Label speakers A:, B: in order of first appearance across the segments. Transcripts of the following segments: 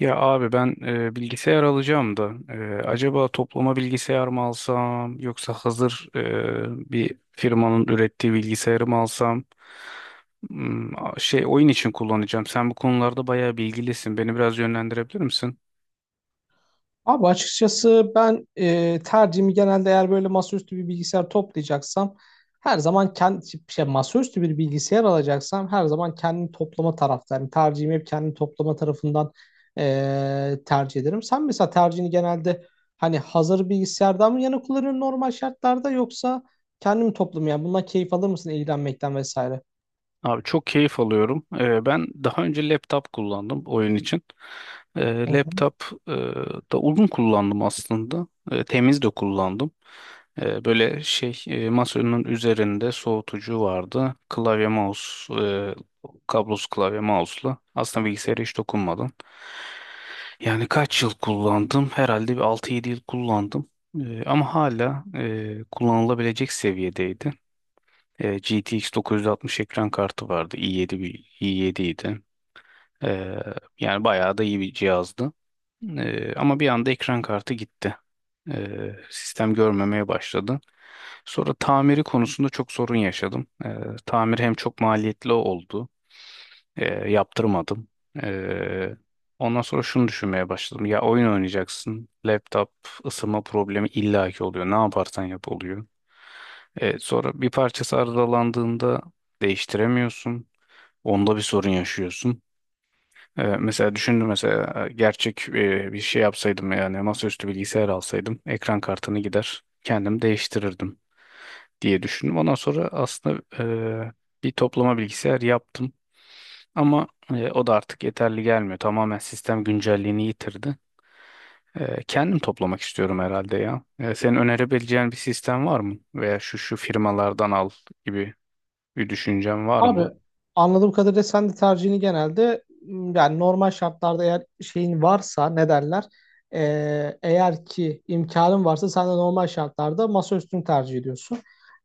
A: Ya abi ben bilgisayar alacağım da acaba toplama bilgisayar mı alsam yoksa hazır bir firmanın ürettiği bilgisayarı mı alsam. Oyun için kullanacağım. Sen bu konularda bayağı bilgilisin. Beni biraz yönlendirebilir misin?
B: Abi açıkçası ben tercihimi genelde eğer böyle masaüstü bir bilgisayar toplayacaksam her zaman kendi masaüstü bir bilgisayar alacaksam her zaman kendini toplama taraftarı. Yani tercihimi hep kendini toplama tarafından tercih ederim. Sen mesela tercihini genelde hani hazır bilgisayardan mı yana kullanıyorsun normal şartlarda yoksa kendini mi toplamaya bundan keyif alır mısın ilgilenmekten vesaire?
A: Abi çok keyif alıyorum. Ben daha önce laptop kullandım oyun için. Laptop e, da uzun kullandım aslında. Temiz de kullandım. Böyle masanın üzerinde soğutucu vardı. Kablosuz klavye mouse'la. Aslında bilgisayara hiç dokunmadım. Yani kaç yıl kullandım? Herhalde bir 6-7 yıl kullandım. Ama hala kullanılabilecek seviyedeydi. GTX 960 ekran kartı vardı. i7 bir i7 idi. E, yani bayağı da iyi bir cihazdı. Ama bir anda ekran kartı gitti. Sistem görmemeye başladı. Sonra tamiri konusunda çok sorun yaşadım. Tamir hem çok maliyetli oldu. Yaptırmadım. E, ondan sonra şunu düşünmeye başladım. Ya oyun oynayacaksın. Laptop ısınma problemi illaki oluyor. Ne yaparsan yap oluyor. Sonra bir parçası arızalandığında değiştiremiyorsun. Onda bir sorun yaşıyorsun. Mesela düşündüm mesela gerçek bir şey yapsaydım yani masaüstü bilgisayar alsaydım ekran kartını gider kendim değiştirirdim diye düşündüm. Ondan sonra aslında e, bir toplama bilgisayar yaptım. Ama o da artık yeterli gelmiyor. Tamamen sistem güncelliğini yitirdi. Kendim toplamak istiyorum herhalde ya. Senin önerebileceğin bir sistem var mı? Veya şu şu firmalardan al gibi bir düşüncen var
B: Abi
A: mı?
B: anladığım kadarıyla sen de tercihini genelde yani normal şartlarda eğer şeyin varsa ne derler. Eğer ki imkanın varsa sen de normal şartlarda masaüstünü tercih ediyorsun.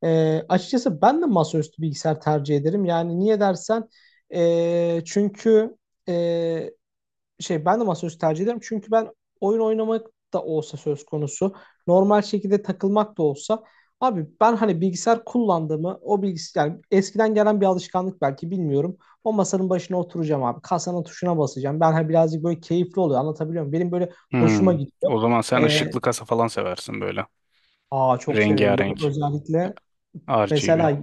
B: Açıkçası ben de masaüstü bilgisayar tercih ederim. Yani niye dersen çünkü ben de masaüstü tercih ederim. Çünkü ben oyun oynamak da olsa söz konusu, normal şekilde takılmak da olsa abi ben hani bilgisayar kullandığımı o bilgisayar yani eskiden gelen bir alışkanlık belki bilmiyorum. O masanın başına oturacağım abi. Kasanın tuşuna basacağım. Ben hani birazcık böyle keyifli oluyor. Anlatabiliyor muyum? Benim böyle hoşuma
A: Hmm.
B: gidiyor.
A: O zaman sen
B: Ee,
A: ışıklı kasa falan seversin böyle.
B: Aa, çok severim böyle
A: Rengarenk,
B: özellikle.
A: RGB.
B: Mesela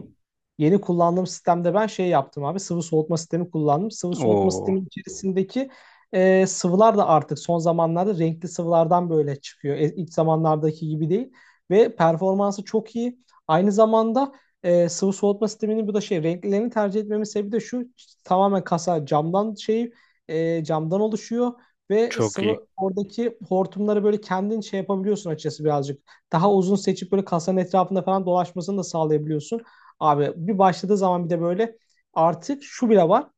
B: yeni kullandığım sistemde ben yaptım abi, sıvı soğutma sistemi kullandım. Sıvı soğutma
A: Oo,
B: sistemi içerisindeki sıvılar da artık son zamanlarda renkli sıvılardan böyle çıkıyor. E, ilk zamanlardaki gibi değil ve performansı çok iyi. Aynı zamanda sıvı soğutma sisteminin bu da renklerini tercih etmemin sebebi de şu: tamamen kasa camdan oluşuyor ve
A: çok iyi.
B: sıvı oradaki hortumları böyle kendin yapabiliyorsun, açıkçası birazcık daha uzun seçip böyle kasanın etrafında falan dolaşmasını da sağlayabiliyorsun. Abi bir başladığı zaman bir de böyle artık şu bile var.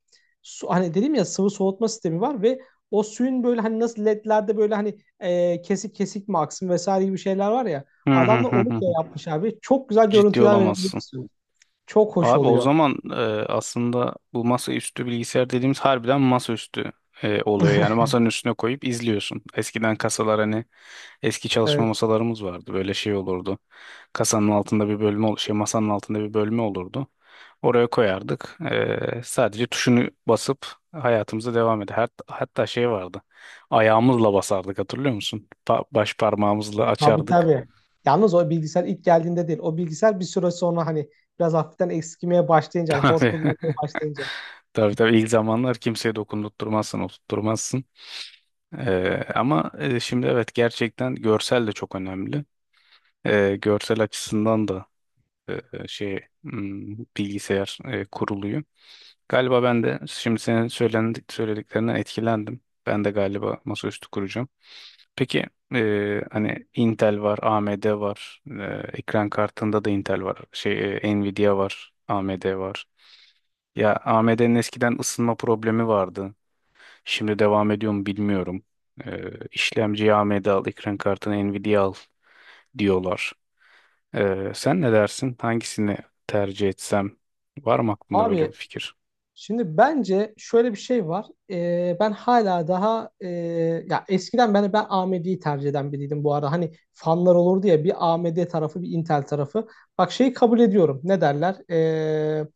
B: Su, hani dedim ya, sıvı soğutma sistemi var ve o suyun böyle hani nasıl ledlerde böyle kesik kesik mi aksın vesaire gibi şeyler var ya.
A: Hı hı
B: Adamlar
A: hı
B: onu
A: hı.
B: da yapmış abi. Çok güzel
A: Ciddi
B: görüntüler
A: olamazsın.
B: verebiliyorsun. Çok hoş
A: Abi o
B: oluyor.
A: zaman aslında bu masaüstü bilgisayar dediğimiz harbiden masaüstü oluyor. Yani masanın üstüne koyup izliyorsun. Eskiden kasalar hani eski çalışma
B: Evet.
A: masalarımız vardı. Böyle şey olurdu. Kasanın altında bir bölme ol- şey masanın altında bir bölme olurdu. Oraya koyardık. Sadece tuşunu basıp hayatımıza devam eder. Hatta şey vardı. Ayağımızla basardık, hatırlıyor musun? Baş parmağımızla
B: Tabii,
A: açardık.
B: tabii. Yalnız o bilgisayar ilk geldiğinde değil. O bilgisayar bir süre sonra hani biraz hafiften eskimeye başlayınca, hani hor
A: Tabii.
B: kullanmaya başlayınca.
A: Tabii, tabii, ilk zamanlar kimseye dokundurtmazsın, oturtturmazsın. Ama şimdi, evet, gerçekten görsel de çok önemli. Görsel açısından da bilgisayar kuruluyor. Galiba ben de şimdi senin söylediklerinden etkilendim. Ben de galiba masaüstü kuracağım. Peki hani Intel var, AMD var, ekran kartında da Intel var, Nvidia var, AMD var. Ya AMD'nin eskiden ısınma problemi vardı. Şimdi devam ediyor mu bilmiyorum. İşlemciyi AMD al, ekran kartını Nvidia al diyorlar. Sen ne dersin? Hangisini tercih etsem? Var mı aklında böyle bir
B: Abi,
A: fikir?
B: şimdi bence şöyle bir şey var. Ben hala daha ya eskiden ben AMD'yi tercih eden biriydim bu ara. Hani fanlar olurdu ya, bir AMD tarafı bir Intel tarafı. Bak, şeyi kabul ediyorum. Ne derler?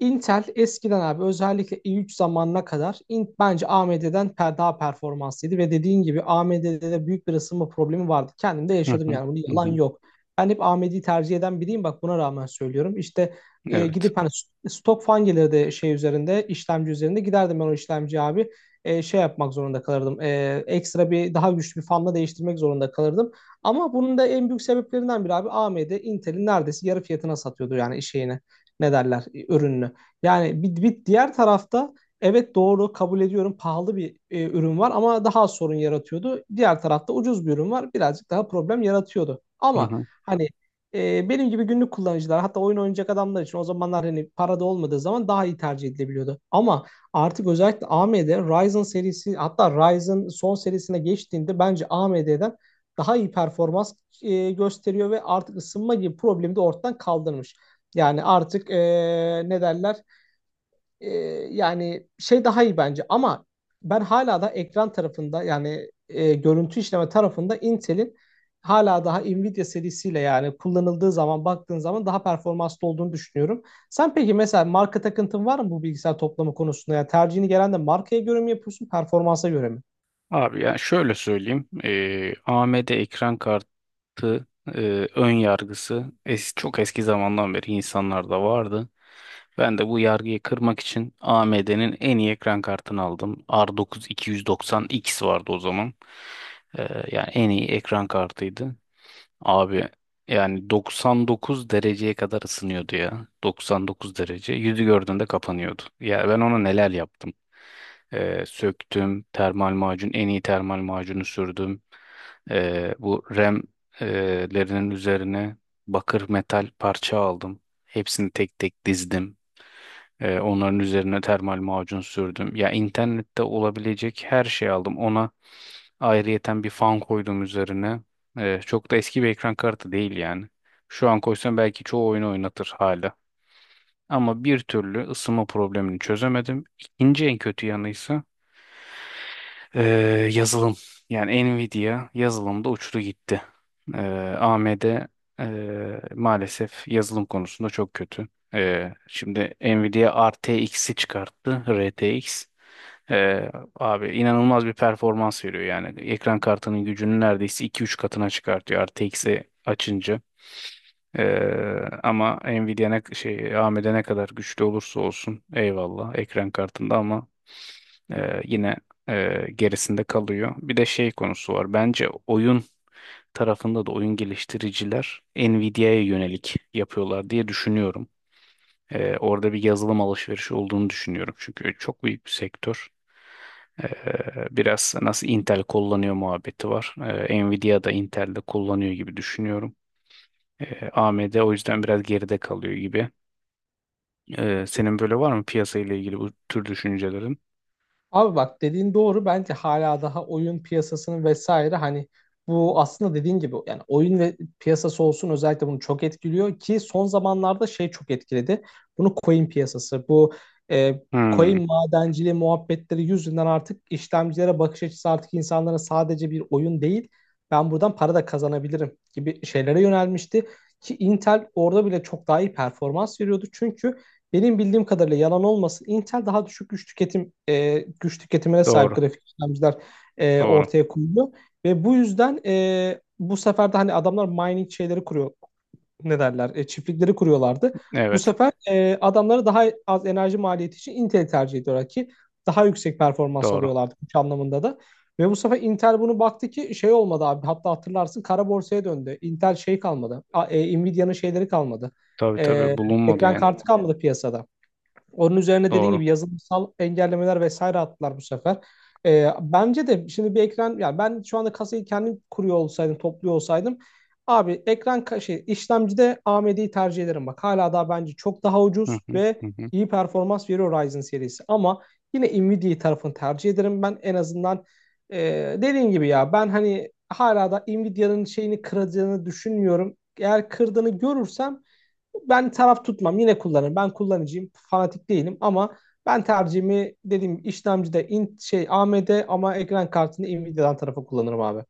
B: Intel eskiden abi özellikle i3 zamanına kadar bence AMD'den daha performanslıydı ve dediğin gibi AMD'de de büyük bir ısınma problemi vardı. Kendim de
A: Hı
B: yaşadım,
A: hı,
B: yani bunun
A: hı
B: yalan
A: hı.
B: yok. Ben hep AMD'yi tercih eden biriyim, bak buna rağmen söylüyorum. İşte
A: Evet.
B: gidip hani stok fan gelirdi şey üzerinde işlemci üzerinde, giderdim ben o işlemci abi yapmak zorunda kalırdım. E, ekstra daha güçlü bir fanla değiştirmek zorunda kalırdım. Ama bunun da en büyük sebeplerinden biri abi, AMD Intel'in neredeyse yarı fiyatına satıyordu yani şeyini, ne derler, ürününü. Yani bir diğer tarafta evet doğru kabul ediyorum, pahalı bir ürün var ama daha az sorun yaratıyordu. Diğer tarafta ucuz bir ürün var, birazcık daha problem yaratıyordu.
A: Hı
B: Ama
A: hı.
B: hani benim gibi günlük kullanıcılar, hatta oyun oynayacak adamlar için o zamanlar hani parada olmadığı zaman daha iyi tercih edilebiliyordu. Ama artık özellikle AMD Ryzen serisi, hatta Ryzen son serisine geçtiğinde bence AMD'den daha iyi performans gösteriyor ve artık ısınma gibi problemi de ortadan kaldırmış. Yani artık e, ne derler ee, yani şey daha iyi bence. Ama ben hala da ekran tarafında, yani görüntü işleme tarafında Intel'in hala daha Nvidia serisiyle yani kullanıldığı zaman, baktığın zaman daha performanslı olduğunu düşünüyorum. Sen peki mesela marka takıntın var mı bu bilgisayar toplama konusunda? Yani tercihini gelen de markaya göre mi yapıyorsun, performansa göre mi?
A: Abi ya şöyle söyleyeyim. AMD ekran kartı e, ön yargısı çok eski zamandan beri insanlarda vardı. Ben de bu yargıyı kırmak için AMD'nin en iyi ekran kartını aldım. R9 290X vardı o zaman. Ee, yani en iyi ekran kartıydı. Abi yani 99 dereceye kadar ısınıyordu ya. 99 derece. Yüzü gördüğünde kapanıyordu. Ya ben ona neler yaptım. Söktüm. Termal macun. En iyi termal macunu sürdüm. Bu RAM'lerinin üzerine bakır metal parça aldım. Hepsini tek tek dizdim. Onların üzerine termal macun sürdüm. Ya internette olabilecek her şeyi aldım. Ona ayrıyeten bir fan koydum üzerine. Çok da eski bir ekran kartı değil yani. Şu an koysam belki çoğu oyunu oynatır hala. Ama bir türlü ısınma problemini çözemedim. İkinci en kötü yanıysa ee, yazılım, yani Nvidia yazılımda uçtu gitti. Ee, AMD maalesef yazılım konusunda çok kötü. Şimdi Nvidia RTX'i çıkarttı, RTX. Abi inanılmaz bir performans veriyor, yani ekran kartının gücünü neredeyse 2-3 katına çıkartıyor RTX'i açınca. Ama Nvidia ne, şey AMD ne kadar güçlü olursa olsun, eyvallah, ekran kartında ama yine gerisinde kalıyor. Bir de şey konusu var. Bence oyun tarafında da oyun geliştiriciler Nvidia'ya yönelik yapıyorlar diye düşünüyorum. Orada bir yazılım alışverişi olduğunu düşünüyorum. Çünkü çok büyük bir sektör. Ee, biraz nasıl Intel kullanıyor muhabbeti var. Nvidia da Intel'de kullanıyor gibi düşünüyorum. AMD o yüzden biraz geride kalıyor gibi. Senin böyle var mı piyasa ile ilgili bu tür düşüncelerin?
B: Abi bak, dediğin doğru. Bence hala daha oyun piyasasının vesaire, hani bu aslında dediğin gibi, yani oyun ve piyasası olsun, özellikle bunu çok etkiliyor ki son zamanlarda çok etkiledi. Bunu coin piyasası, bu e,
A: Hmm,
B: coin madenciliği muhabbetleri yüzünden artık işlemcilere bakış açısı, artık insanların sadece bir oyun değil, ben buradan para da kazanabilirim gibi şeylere yönelmişti. Ki Intel orada bile çok daha iyi performans veriyordu. Çünkü benim bildiğim kadarıyla, yalan olmasın, Intel daha düşük güç tüketimine sahip
A: doğru,
B: grafik işlemciler
A: doğru.
B: ortaya koyuyor ve bu yüzden bu sefer de hani adamlar mining şeyleri kuruyor, ne derler, çiftlikleri kuruyorlardı. Bu
A: Evet,
B: sefer adamları daha az enerji maliyeti için Intel tercih ediyorlar ki daha yüksek performans
A: doğru.
B: alıyorlardı, güç anlamında da. Ve bu sefer Intel bunu baktı ki şey olmadı abi, hatta hatırlarsın, kara borsaya döndü. Intel şey kalmadı. Nvidia'nın şeyleri kalmadı.
A: Tabii,
B: E,
A: tabii, bulunmadı
B: ekran
A: yani.
B: kartı kalmadı piyasada. Onun üzerine dediğin
A: Doğru.
B: gibi yazılımsal engellemeler vesaire attılar bu sefer. Bence de şimdi bir ekran, yani ben şu anda kasayı kendim kuruyor olsaydım, topluyor olsaydım abi, ekran ka- şey işlemcide AMD'yi tercih ederim bak. Hala daha bence çok daha
A: Hı
B: ucuz
A: hı,
B: ve
A: hı hı.
B: iyi performans veriyor Ryzen serisi. Ama yine Nvidia tarafını tercih ederim ben, en azından e, dediğin gibi ya, ben hani hala da Nvidia'nın şeyini kıracağını düşünmüyorum. Eğer kırdığını görürsem ben taraf tutmam, yine kullanırım. Ben kullanıcıyım, fanatik değilim. Ama ben tercihimi dediğim gibi, işlemcide in, şey AMD, ama ekran kartını Nvidia'dan tarafa kullanırım abi.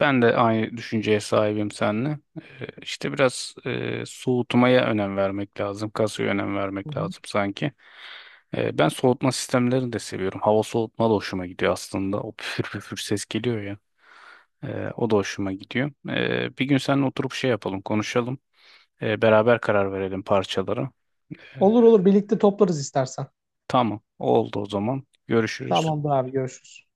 A: Ben de aynı düşünceye sahibim seninle. İşte biraz soğutmaya önem vermek lazım. Kasaya önem
B: Hı
A: vermek
B: hı.
A: lazım sanki. Ben soğutma sistemlerini de seviyorum. Hava soğutma da hoşuma gidiyor aslında. O püfür püfür ses geliyor ya. O da hoşuma gidiyor. Bir gün seninle oturup şey yapalım, konuşalım. Beraber karar verelim parçalara. Ee,
B: Olur olur, birlikte toplarız istersen.
A: tamam, oldu o zaman. Görüşürüz.
B: Tamamdır abi, görüşürüz.